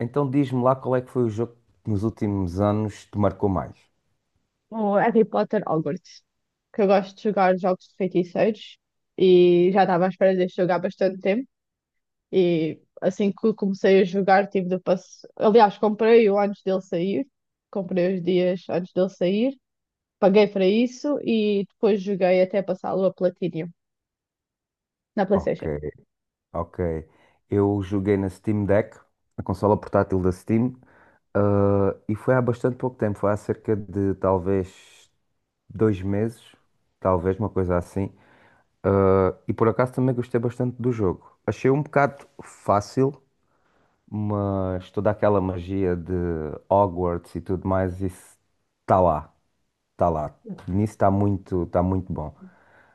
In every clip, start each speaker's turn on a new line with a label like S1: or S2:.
S1: Então diz-me lá qual é que foi o jogo que nos últimos anos te marcou mais.
S2: O Harry Potter Hogwarts, que eu gosto de jogar jogos de feiticeiros e já estava à espera de jogar bastante tempo. E assim que comecei a jogar, tive de passar. Aliás, comprei-o antes dele sair, comprei os dias antes dele sair, paguei para isso e depois joguei até passá-lo a Platinum na
S1: Ok,
S2: PlayStation.
S1: ok. Eu joguei na Steam Deck, a consola portátil da Steam, e foi há bastante pouco tempo, foi há cerca de talvez dois meses, talvez uma coisa assim. E por acaso também gostei bastante do jogo. Achei um bocado fácil, mas toda aquela magia de Hogwarts e tudo mais, isso está lá, está lá. Nisso está muito bom.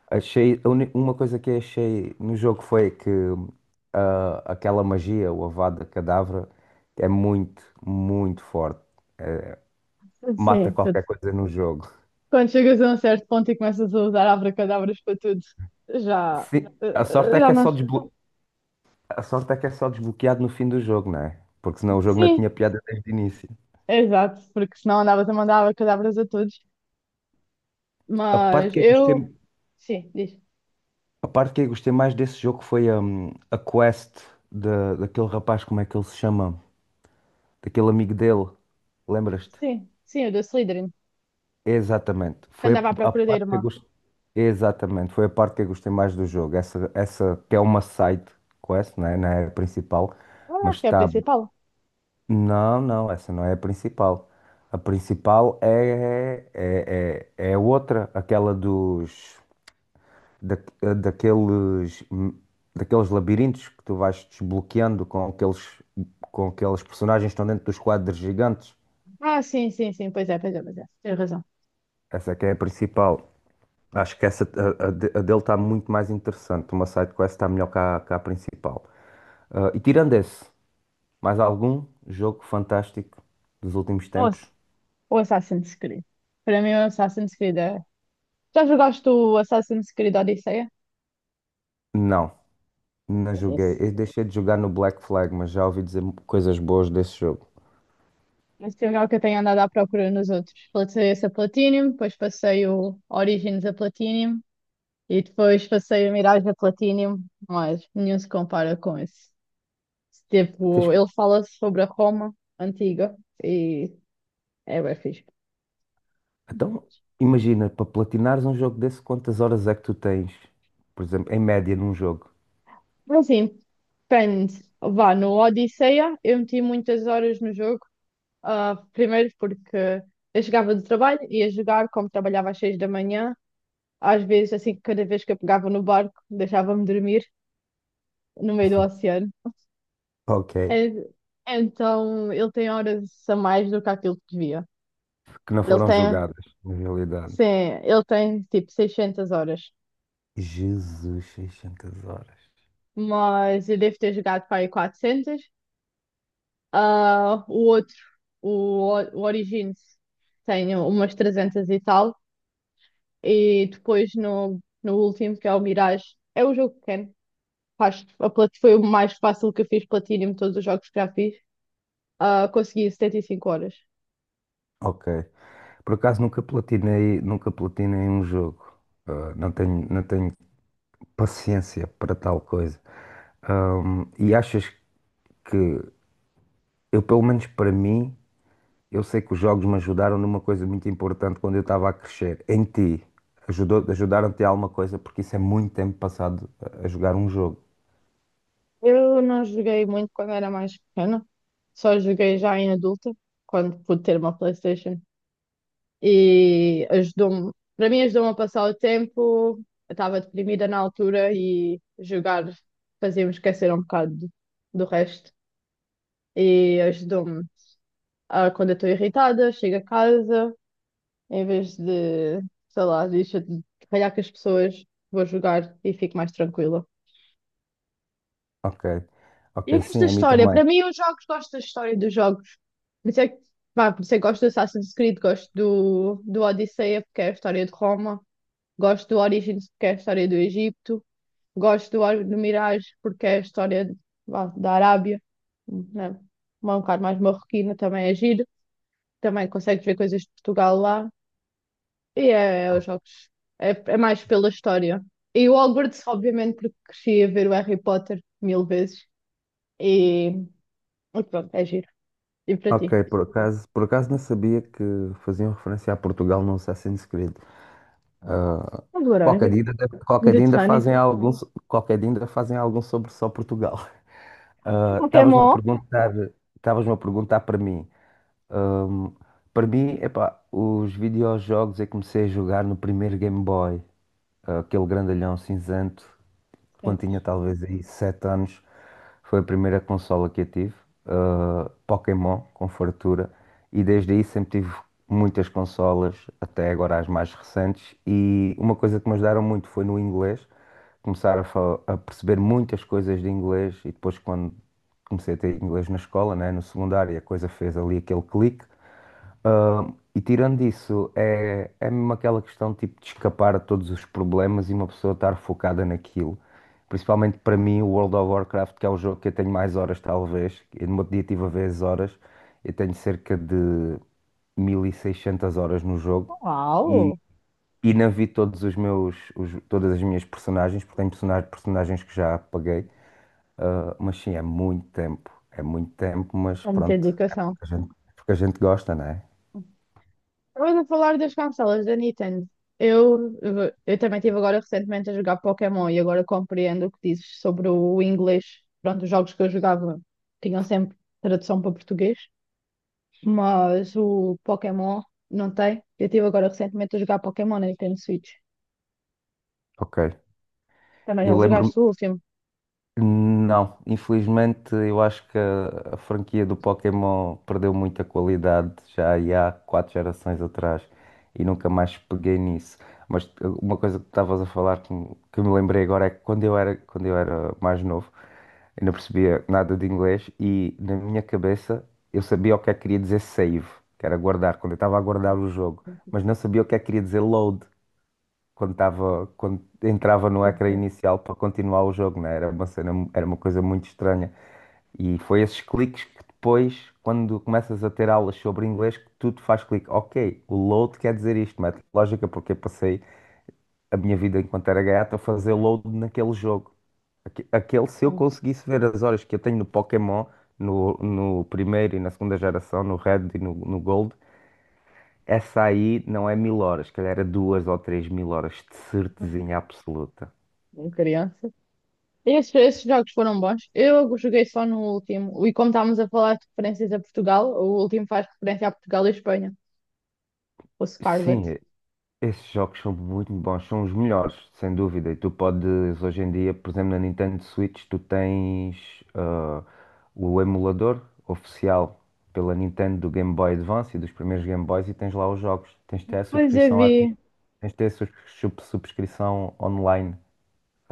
S1: Achei, uma coisa que achei no jogo foi que aquela magia, o Avada Kedavra, é muito, muito forte. Mata
S2: Sim.
S1: qualquer coisa no jogo.
S2: Quando chegas a um certo ponto e começas a usar abracadabras para tudo, já,
S1: Sim, a sorte é que
S2: já não.
S1: a sorte é que é só desbloqueado no fim do jogo, não é? Porque senão o jogo não
S2: Sim,
S1: tinha piada desde o início.
S2: exato, porque senão andavas a mandar abracadabras a todos.
S1: A parte
S2: Mas
S1: que eu gostei,
S2: eu. Sim, diz.
S1: a parte que eu gostei mais desse jogo foi a quest da daquele rapaz, como é que ele se chama? Daquele amigo dele, lembras-te?
S2: Sim, sim, o do Slytherin,
S1: Exatamente.
S2: que
S1: Foi
S2: andava à
S1: a
S2: procura da
S1: parte que
S2: irmã.
S1: eu gostei. Exatamente. Foi a parte que eu gostei mais do jogo. Essa que é uma side quest, né? Não é a principal,
S2: Eu
S1: mas
S2: acho que é a
S1: está.
S2: principal.
S1: Não, não, essa não é a principal. A principal é outra, aquela dos da, daqueles labirintos que tu vais desbloqueando com aqueles personagens que estão dentro dos quadros gigantes.
S2: Ah, sim, sim, sim, pois é, pois é, pois é. Tens razão.
S1: Essa é que é a principal. Acho que essa, a dele está muito mais interessante. Uma side quest está melhor que que a principal. E tirando esse, mais algum jogo fantástico dos últimos
S2: Ou,
S1: tempos?
S2: ou Assassin's Creed. Para mim, o Assassin's Creed é. Já jogaste o Assassin's Creed Odisseia?
S1: Não, não joguei.
S2: Esse.
S1: Eu deixei de jogar no Black Flag, mas já ouvi dizer coisas boas desse jogo.
S2: Esse é o jogo que eu tenho andado à procura nos outros. Passei esse a Platinum, depois passei o Origins a Platinum e depois passei o Mirage a Platinum, mas nenhum se compara com esse.
S1: Tens
S2: Tipo,
S1: que-
S2: ele fala sobre a Roma antiga e é bem fixe.
S1: Então, imagina, para platinares um jogo desse, quantas horas é que tu tens, por exemplo, em média num jogo?
S2: Assim, depende. Vá, no Odisseia eu meti muitas horas no jogo. Ah, primeiro porque eu chegava do trabalho, ia jogar, como trabalhava às seis da manhã. Às vezes, assim, cada vez que eu pegava no barco, deixava-me dormir no meio do oceano.
S1: Ok.
S2: En- Então, ele tem horas a mais do que aquilo que devia.
S1: Que não
S2: Ele
S1: foram
S2: tem,
S1: jogadas, na realidade.
S2: sim, ele tem tipo 600 horas,
S1: Jesus, 600 horas.
S2: mas eu devo ter jogado para aí 400. Ah, o outro, o Origins, tem umas 300 e tal. E depois no último, que é o Mirage, é o jogo pequeno. Foi o mais fácil que eu fiz Platinum de todos os jogos que já fiz. Ah, consegui 75 horas.
S1: Ok. Por acaso nunca platinei, nunca platinei um jogo. Ah, não tenho paciência para tal coisa. E achas que eu, pelo menos para mim, eu sei que os jogos me ajudaram numa coisa muito importante quando eu estava a crescer. Em ti, ajudaram-te a alguma coisa? Porque isso é muito tempo passado a jogar um jogo.
S2: Eu não joguei muito quando era mais pequena, só joguei já em adulta, quando pude ter uma PlayStation. E ajudou-me, para mim ajudou-me a passar o tempo. Eu estava deprimida na altura e jogar fazia-me esquecer um bocado do resto. E ajudou-me a, quando eu estou irritada, chego a casa, em vez de, sei lá, deixa de ralhar com as pessoas, vou jogar e fico mais tranquila.
S1: Ok.
S2: E
S1: Ok,
S2: eu gosto da
S1: sim, a mim
S2: história,
S1: também.
S2: para mim os jogos, gosto da história dos jogos. Por isso é que, pá, por isso é que gosto do Assassin's Creed, gosto do Odisseia, porque é a história de Roma. Gosto do Origins porque é a história do Egito. Gosto do, do Mirage porque é a história de- vá, da Arábia, né? Uma um bocado mais marroquina, também é giro. Também consegues ver coisas de Portugal lá. E é, é os jogos. É, é mais pela história. E o Hogwarts, obviamente, porque cresci a ver o Harry Potter mil vezes. E, e pronto, é giro. E para ti?
S1: Ok, por acaso não sabia que faziam referência a Portugal no Assassin's Creed.
S2: A de laranja,
S1: Qualquer dia ainda
S2: Mediterrâneo.
S1: fazem qualquer dia ainda fazem algum sobre só Portugal. Ah, Estavas-me a
S2: Pokémon.
S1: perguntar, estavas-me a perguntar para mim. Para mim, epá, os videojogos eu comecei a jogar no primeiro Game Boy, aquele grandalhão cinzento
S2: Sim.
S1: quando tinha talvez aí 7 anos, foi a primeira consola que eu tive, Pokémon, com fartura, e desde aí sempre tive muitas consolas, até agora as mais recentes, e uma coisa que me ajudaram muito foi no inglês, começar a perceber muitas coisas de inglês, e depois quando comecei a ter inglês na escola, né, no secundário, a coisa fez ali aquele clique, E tirando isso, é mesmo aquela questão tipo, de escapar a todos os problemas e uma pessoa estar focada naquilo. Principalmente para mim, o World of Warcraft, que é o jogo que eu tenho mais horas, talvez. Eu no meu dia tive a ver as horas. Eu tenho cerca de 1.600 horas no jogo. E,
S2: Uau!
S1: e não vi todos os meus, todas as minhas personagens, porque tenho personagens que já apaguei. Mas sim, é muito tempo. É muito tempo, mas
S2: É muita
S1: pronto. É
S2: dedicação.
S1: porque a gente gosta, né?
S2: Estava a falar das consolas da Nintendo. Eu também estive agora recentemente a jogar Pokémon e agora compreendo o que dizes sobre o inglês. Pronto, os jogos que eu jogava tinham sempre tradução para português, mas o Pokémon não tem. Eu estive agora recentemente a jogar Pokémon na Nintendo Switch.
S1: Ok.
S2: Também já
S1: Eu lembro-me.
S2: jogaste o último?
S1: Não, infelizmente eu acho que a franquia do Pokémon perdeu muita qualidade já aí há 4 gerações atrás e nunca mais peguei nisso. Mas uma coisa que estavas a falar que me lembrei agora é que quando eu era mais novo, eu não percebia nada de inglês e na minha cabeça eu sabia o que é que queria dizer save, que era guardar, quando eu estava a guardar o jogo, mas não sabia o que é que queria dizer load quando estava, quando entrava no ecrã inicial para continuar o jogo, né? Era uma cena, era uma coisa muito estranha. E foi esses cliques que depois, quando começas a ter aulas sobre inglês, que tudo faz clique. Ok, o load quer dizer isto, mete lógica, porque eu passei a minha vida enquanto era gaiato a fazer load naquele jogo. Aquele, se eu conseguisse ver as horas que eu tenho no Pokémon, no primeiro e na segunda geração, no Red e no Gold, essa aí não é mil horas, se calhar era duas ou três mil horas de certezinha absoluta.
S2: Em criança. Esses, esses jogos foram bons. Eu joguei só no último. E como estávamos a falar de referências a Portugal, o último faz referência a Portugal e Espanha, o Scarlet.
S1: Sim, esses jogos são muito bons, são os melhores, sem dúvida. E tu podes, hoje em dia, por exemplo, na Nintendo Switch, tu tens o emulador oficial pela Nintendo do Game Boy Advance e dos primeiros Game Boys e tens lá os jogos. Tens de ter a
S2: Pois eu
S1: subscrição ativa,
S2: vi.
S1: tens de ter a subscrição online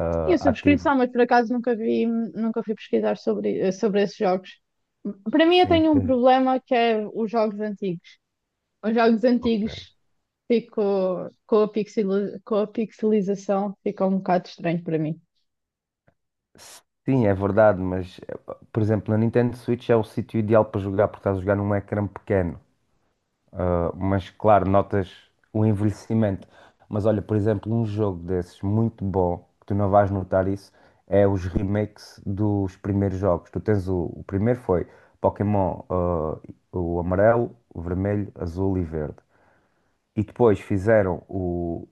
S2: Eu tinha
S1: ativa.
S2: subscrição, mas por acaso nunca vi, nunca fui pesquisar sobre, sobre esses jogos. Para mim, eu
S1: Sim,
S2: tenho um
S1: tens.
S2: problema que é os jogos antigos. Os jogos
S1: Ok.
S2: antigos fico com a pixel, com a pixelização, fica um bocado estranho para mim.
S1: Sim, é verdade, mas por exemplo, na Nintendo Switch é o sítio ideal para jogar porque estás a jogar num ecrã pequeno. Mas claro, notas o envelhecimento. Mas olha, por exemplo, um jogo desses muito bom, que tu não vais notar isso, é os remakes dos primeiros jogos. Tu tens o primeiro foi Pokémon, o amarelo, o vermelho, azul e verde. E depois fizeram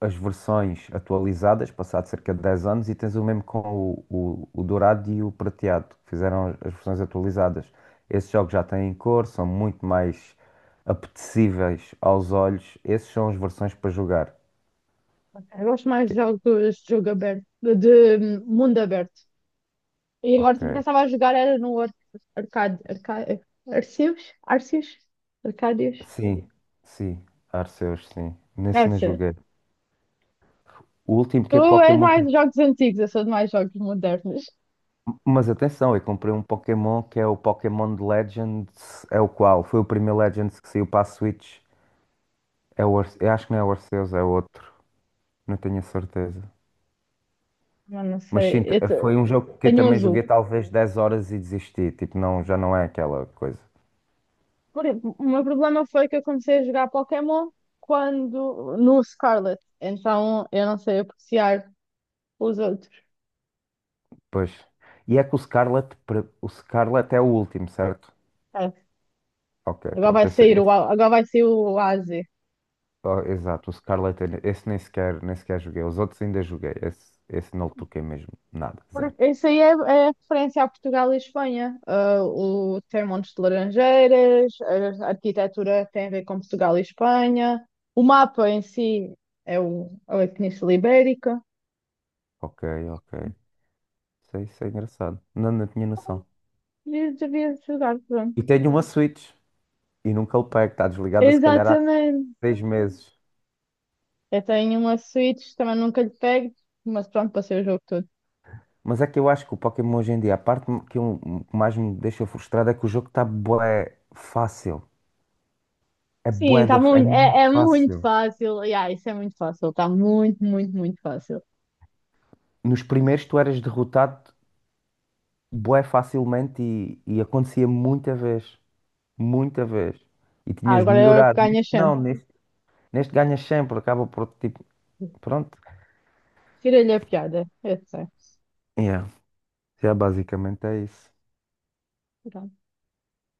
S1: as versões atualizadas, passado cerca de 10 anos, e tens o mesmo com o dourado e o prateado, que fizeram as versões atualizadas. Esses jogos já têm cor, são muito mais apetecíveis aos olhos. Esses são as versões para jogar.
S2: Eu gosto mais de
S1: Ok.
S2: jogos de jogo aberto, de mundo aberto. E agora
S1: Ok.
S2: também que eu estava a jogar era no Ar- Arcade, Arcade, Arceus? Arceus? Arcádios?
S1: Sim, sim. Arceus, sim. Nesse não
S2: Essa.
S1: joguei. O último
S2: Tu
S1: que é
S2: és
S1: Pokémon.
S2: mais
S1: Que-
S2: de jogos antigos, eu sou de mais jogos modernos.
S1: Mas atenção, eu comprei um Pokémon que é o Pokémon Legends. É o qual? Foi o primeiro Legends que saiu para a Switch. Eu acho que não é o Arceus, é outro. Não tenho a certeza.
S2: Mas não
S1: Mas
S2: sei,
S1: sim, foi um jogo que eu
S2: tenho um
S1: também joguei
S2: azul.
S1: talvez 10 horas e desisti. Tipo, não, já não é aquela coisa.
S2: Por- O meu problema foi que eu comecei a jogar Pokémon quando no Scarlet, então eu não sei apreciar os outros.
S1: Pois. E é que o Scarlet é o último, certo?
S2: É.
S1: Ok, pronto.
S2: Agora vai sair o AZ.
S1: Oh, exato, esse nem sequer, nem sequer joguei. Os outros ainda joguei. Esse não toquei mesmo. Nada, zero.
S2: Isso aí é, é referência a Portugal e Espanha. Ah, o tem montes de laranjeiras, a arquitetura tem a ver com Portugal e Espanha. O mapa em si é o, é a Península Ibérica.
S1: Ok, ok. Isso é engraçado. Não, não tinha noção.
S2: Devias jogar, pronto.
S1: E tenho uma Switch. E nunca o pego. Está desligada se calhar há
S2: Exatamente.
S1: 6 meses.
S2: Eu tenho uma Switch, também nunca lhe pego, mas pronto, passei o jogo todo.
S1: Mas é que eu acho que o Pokémon hoje em dia, a parte que eu, que mais me deixa frustrado é que o jogo está bué fácil.
S2: Sim, tá
S1: É
S2: muito,
S1: muito
S2: é, é muito
S1: fácil.
S2: fácil. Yeah, isso é muito fácil, está muito, muito, muito fácil.
S1: Nos primeiros tu eras derrotado bué facilmente e acontecia muita vez. Muita vez. E
S2: Ah,
S1: tinhas de
S2: agora
S1: melhorar.
S2: ganha
S1: Neste
S2: chão.
S1: não, neste, neste ganhas sempre, acaba por tipo. Pronto.
S2: Tira-lhe a piada, eu sei.
S1: Yeah. Já basicamente é isso.